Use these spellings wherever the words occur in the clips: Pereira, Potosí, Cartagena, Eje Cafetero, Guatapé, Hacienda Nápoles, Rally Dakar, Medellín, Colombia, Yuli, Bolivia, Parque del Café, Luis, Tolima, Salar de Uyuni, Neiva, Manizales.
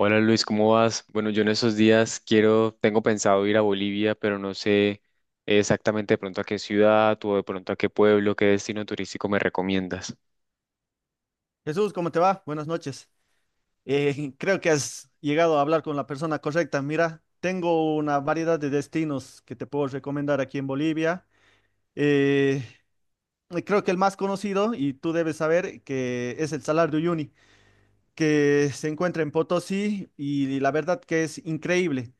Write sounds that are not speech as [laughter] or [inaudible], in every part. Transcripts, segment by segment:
Hola Luis, ¿cómo vas? Bueno, yo en esos días quiero, tengo pensado ir a Bolivia, pero no sé exactamente de pronto a qué ciudad o de pronto a qué pueblo, qué destino turístico me recomiendas. Jesús, ¿cómo te va? Buenas noches. [laughs] Creo que has llegado a hablar con la persona correcta. Mira, tengo una variedad de destinos que te puedo recomendar aquí en Bolivia. Eh, creo que el más conocido, y tú debes saber, que es el Salar de Uyuni que se encuentra en Potosí y la verdad que es increíble.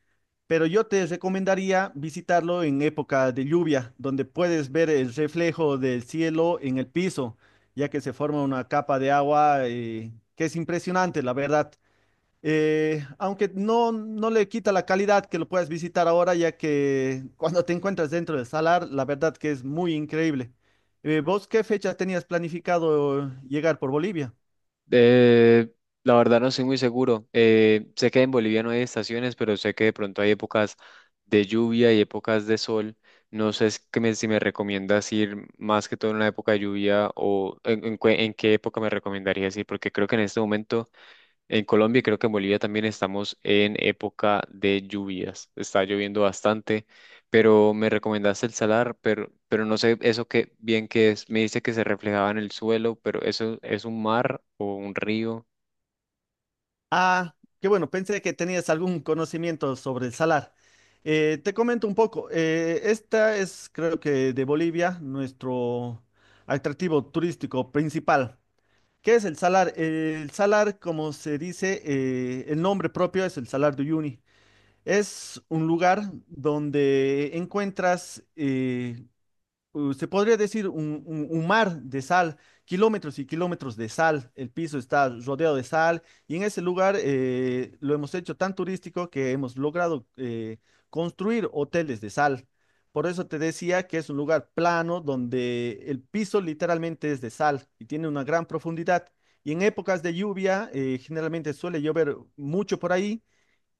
Pero yo te recomendaría visitarlo en época de lluvia, donde puedes ver el reflejo del cielo en el piso, ya que se forma una capa de agua, que es impresionante, la verdad. Aunque no le quita la calidad que lo puedas visitar ahora, ya que cuando te encuentras dentro del salar, la verdad que es muy increíble. ¿Vos qué fecha tenías planificado llegar por Bolivia? Eh, la verdad no soy muy seguro. Sé que en Bolivia no hay estaciones, pero sé que de pronto hay épocas de lluvia y épocas de sol. No sé es que si me recomiendas ir más que todo en la época de lluvia o en qué época me recomendarías ir, porque creo que en este momento en Colombia y creo que en Bolivia también estamos en época de lluvias. Está lloviendo bastante, pero me recomendaste el salar, pero no sé eso qué bien que es. Me dice que se reflejaba en el suelo, pero eso es un mar o un río. Ah, qué bueno, pensé que tenías algún conocimiento sobre el salar. Te comento un poco, esta es creo que de Bolivia nuestro atractivo turístico principal. ¿Qué es el salar? El salar, como se dice, el nombre propio es el Salar de Uyuni. Es un lugar donde encuentras, se podría decir un mar de sal, kilómetros y kilómetros de sal. El piso está rodeado de sal y en ese lugar, lo hemos hecho tan turístico que hemos logrado, construir hoteles de sal. Por eso te decía que es un lugar plano donde el piso literalmente es de sal y tiene una gran profundidad. Y en épocas de lluvia, generalmente suele llover mucho por ahí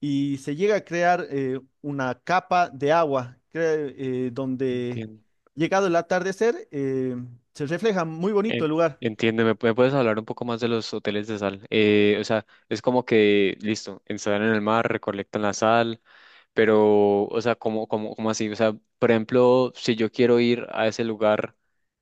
y se llega a crear una capa de agua donde, Entiendo. llegado el atardecer, se refleja muy bonito En- el lugar. Entiendo, ¿me puedes hablar un poco más de los hoteles de sal? O sea, es como que, listo, instalan en el mar, recolectan la sal, pero, o sea, ¿cómo así? O sea, por ejemplo, si yo quiero ir a ese lugar,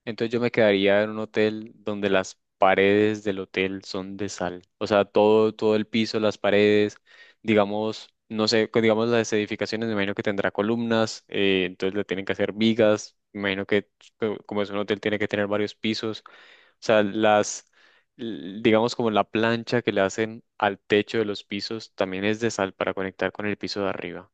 entonces yo me quedaría en un hotel donde las paredes del hotel son de sal. O sea, todo el piso, las paredes, digamos, no sé, que digamos las edificaciones, me imagino que tendrá columnas, entonces le tienen que hacer vigas, me imagino que como es un hotel tiene que tener varios pisos. O sea, las, digamos como la plancha que le hacen al techo de los pisos también es de sal para conectar con el piso de arriba.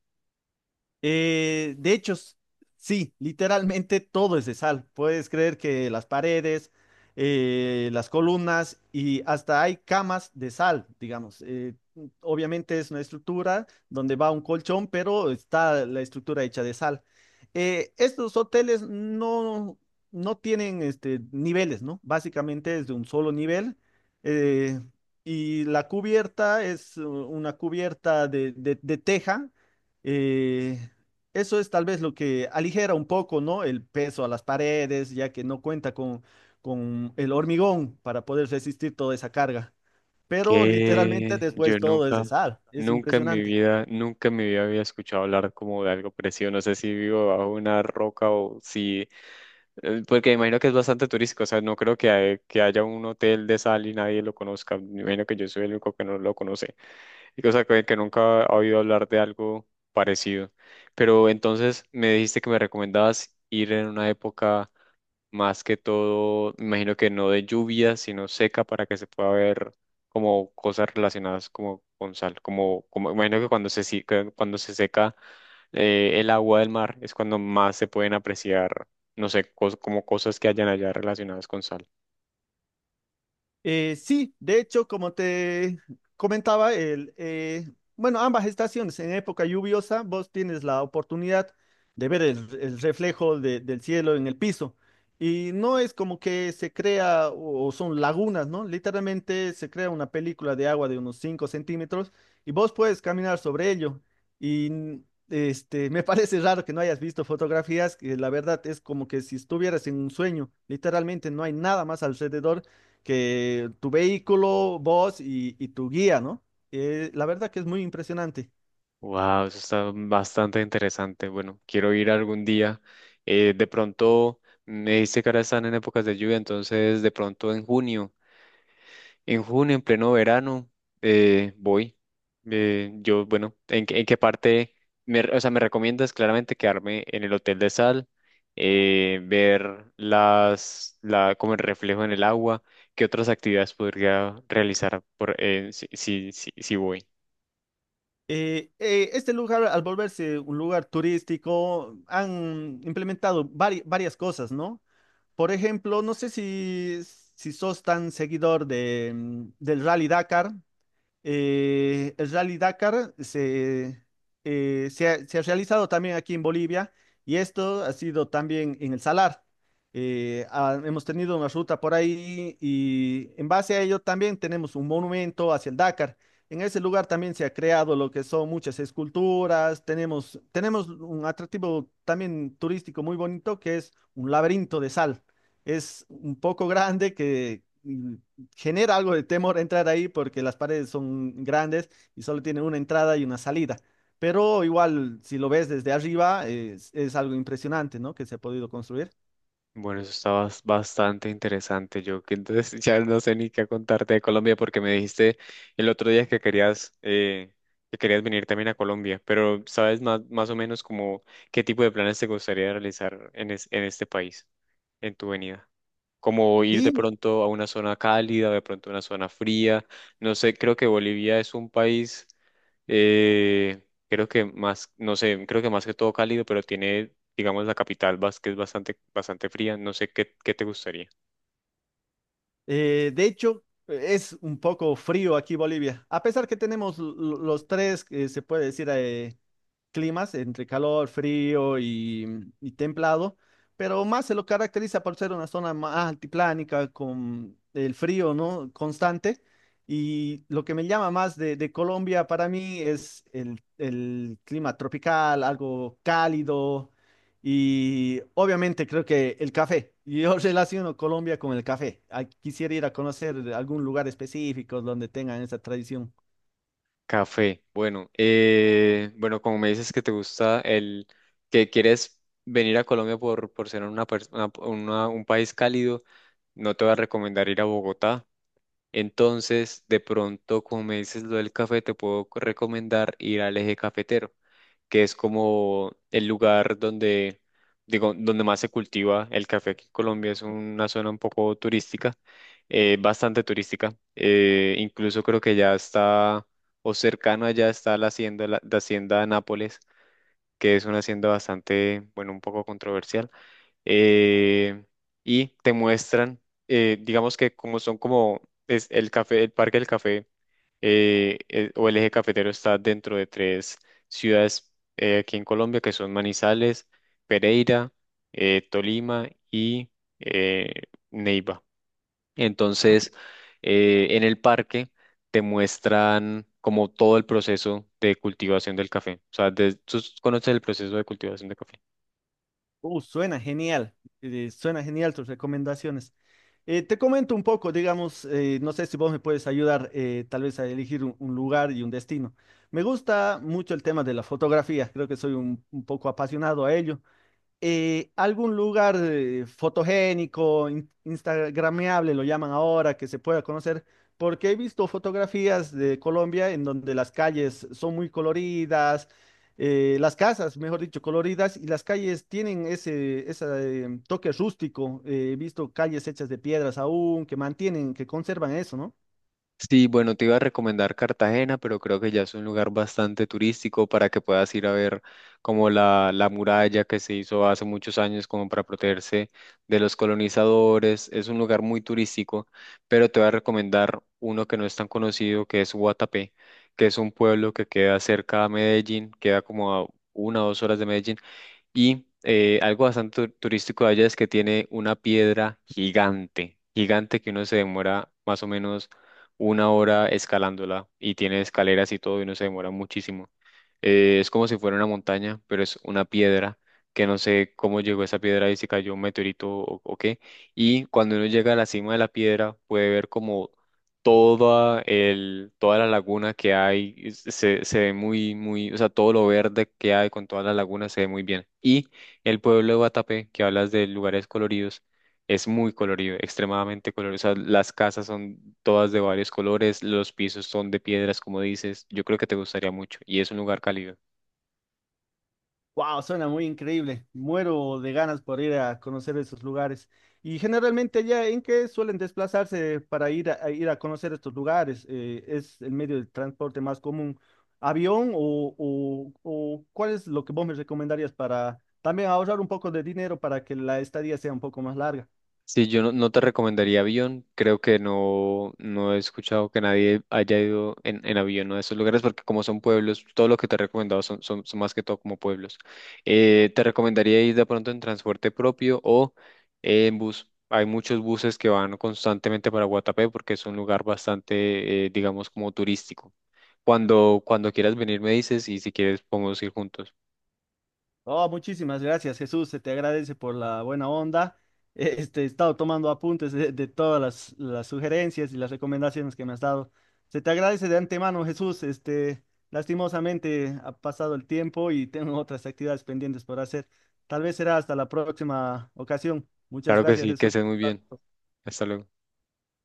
De hecho, sí, literalmente todo es de sal. Puedes creer que las paredes, las columnas y hasta hay camas de sal, digamos. Obviamente es una estructura donde va un colchón, pero está la estructura hecha de sal. Estos hoteles no tienen este, niveles, ¿no? Básicamente es de un solo nivel. eh, y la cubierta es una cubierta de teja. Eh, eso es tal vez lo que aligera un poco, ¿no? El peso a las paredes, ya que no cuenta con el hormigón para poder resistir toda esa carga. Pero literalmente Que yo después todo es nunca, de sal. Es nunca en mi impresionante. vida, nunca en mi vida había escuchado hablar como de algo parecido. No sé si vivo bajo una roca o si, porque me imagino que es bastante turístico. O sea, no creo que, que haya un hotel de sal y nadie lo conozca. Me imagino que yo soy el único que no lo conoce. Y, o sea, que nunca ha oído hablar de algo parecido. Pero entonces me dijiste que me recomendabas ir en una época más que todo, me imagino que no de lluvia, sino seca para que se pueda ver como cosas relacionadas como con sal, como, como me imagino que cuando se, si- que cuando se seca el agua del mar es cuando más se pueden apreciar, no sé, como cosas que hayan allá relacionadas con sal. Sí, de hecho, como te comentaba, bueno, ambas estaciones, en época lluviosa, vos tienes la oportunidad de ver el reflejo del cielo en el piso. Y no es como que se crea, o o, son lagunas, ¿no? Literalmente se crea una película de agua de unos 5 centímetros y vos puedes caminar sobre ello. Y [laughs] me parece raro que no hayas visto fotografías, que la verdad es como que si estuvieras en un sueño, literalmente no hay nada más alrededor que tu vehículo, vos y tu guía, ¿no? La verdad que es muy impresionante. Wow, eso está bastante interesante. Bueno, quiero ir algún día. De pronto, me dice que ahora están en épocas de lluvia, entonces de pronto en junio, en junio, en pleno verano, voy. Yo, bueno, en qué parte? O sea, me recomiendas claramente quedarme en el Hotel de Sal, ver las, la, como el reflejo en el agua. ¿Qué otras actividades podría realizar por, si voy? Este lugar, al volverse un lugar turístico, han implementado varias cosas, ¿no? Por ejemplo, no sé si sos tan seguidor del Rally Dakar. El Rally Dakar se ha realizado también aquí en Bolivia y esto ha sido también en el Salar. Hemos tenido una ruta por ahí y en base a ello también tenemos un monumento hacia el Dakar. En ese lugar también se ha creado lo que son muchas esculturas, tenemos un atractivo también turístico muy bonito que es un laberinto de sal. Es un poco grande que genera algo de temor entrar ahí porque las paredes son grandes y solo tienen una entrada y una salida. Pero igual, si lo ves desde arriba, es algo impresionante, ¿no? Que se ha podido construir. Bueno, eso está bastante interesante. Yo que entonces [laughs] ya no sé ni qué contarte de Colombia porque me dijiste el otro día que querías venir también a Colombia, pero ¿sabes más, más o menos como qué tipo de planes te gustaría realizar en, en este país, en tu venida? Como ir de Sí, mi- pronto a una zona cálida, de pronto a una zona fría. No sé, creo que Bolivia es un país eh, creo que más, no sé, creo que más que todo cálido, pero tiene digamos, la capital, vas, que es bastante, bastante fría. No sé qué, qué te gustaría. De hecho, es un poco frío aquí Bolivia. A pesar que tenemos los tres, que se puede decir, climas entre calor, frío y templado, pero más se lo caracteriza por ser una zona más altiplánica con el frío, ¿no? Constante. Y lo que me llama más de Colombia para mí es el clima tropical, algo cálido y obviamente creo que el café. Yo [laughs] relaciono Colombia con el café. Ah, quisiera ir a conocer algún lugar específico donde tengan esa tradición. Café. Bueno, bueno, como me dices que te gusta el, que quieres venir a Colombia por ser una, un país cálido, no te voy a recomendar ir a Bogotá. Entonces, de pronto, como me dices lo del café, te puedo recomendar ir al Eje Cafetero, que es como el lugar donde, digo, donde más se cultiva el café aquí en Colombia. Es una zona un poco turística, bastante turística. Incluso creo que ya está, o cercano allá está la hacienda, la hacienda Nápoles, que es una hacienda bastante, bueno, un poco controversial eh, y te muestran, digamos que como son como es el café, el Parque del Café o el eje cafetero está dentro de tres ciudades aquí en Colombia que son Manizales, Pereira, Tolima y eh, Neiva. Entonces, en el parque te muestran como todo el proceso de cultivación del café. O sea, tú conoces el proceso de cultivación del café. Uh, suena genial, suena genial tus recomendaciones. Te comento un poco, digamos, no sé si vos me puedes ayudar tal vez a elegir un lugar y un destino. Me gusta mucho el tema de la fotografía, creo que soy un poco apasionado a ello algún lugar fotogénico, instagrameable, lo llaman ahora, que se pueda conocer, porque he visto fotografías de Colombia en donde las calles son muy coloridas, las casas, mejor dicho, coloridas, y las calles tienen ese toque rústico. He visto calles hechas de piedras aún, que mantienen, que conservan eso, ¿no? Sí, bueno, te iba a recomendar Cartagena, pero creo que ya es un lugar bastante turístico para que puedas ir a ver como la muralla que se hizo hace muchos años como para protegerse de los colonizadores. Es un lugar muy turístico, pero te voy a recomendar uno que no es tan conocido, que es Guatapé, que es un pueblo que queda cerca a Medellín, queda como a una o dos horas de Medellín, y algo bastante turístico de allá es que tiene una piedra gigante, gigante que uno se demora más o menos una hora escalándola y tiene escaleras y todo y uno se demora muchísimo. Es como si fuera una montaña, pero es una piedra que no sé cómo llegó esa piedra y si cayó un meteorito o qué. Y cuando uno llega a la cima de la piedra puede ver como toda el, toda la laguna que hay, se ve muy, muy, o sea, todo lo verde que hay con toda la laguna se ve muy bien. Y el pueblo de Guatapé, que hablas de lugares coloridos, es muy colorido, extremadamente colorido. O sea, las casas son todas de varios colores, los pisos son de piedras, como dices. Yo creo que te gustaría mucho y es un lugar cálido. Wow, suena muy increíble. Muero de ganas por ir a conocer esos lugares. Y generalmente allá en qué suelen desplazarse para ir a ir a conocer estos lugares. ¿Es el medio de transporte más común, avión o cuál es lo que vos me recomendarías para también ahorrar un poco de dinero para que la estadía sea un poco más larga? Sí, yo no, no te recomendaría avión. Creo que no, no he escuchado que nadie haya ido en avión a esos lugares porque como son pueblos, todo lo que te he recomendado son, son más que todo como pueblos. Te recomendaría ir de pronto en transporte propio o en bus. Hay muchos buses que van constantemente para Guatapé porque es un lugar bastante, digamos, como turístico. Cuando, cuando quieras venir me dices y si quieres podemos ir juntos. Oh, muchísimas gracias, Jesús. Se te agradece por la buena onda. [laughs] Este, he estado tomando apuntes de todas las sugerencias y las recomendaciones que me has dado. Se te agradece de antemano, Jesús. Este, lastimosamente ha pasado el tiempo y [laughs] tengo otras actividades pendientes por hacer. Tal vez será hasta la próxima ocasión. Muchas Claro que gracias, sí, que estés Jesús. muy bien. Hasta luego.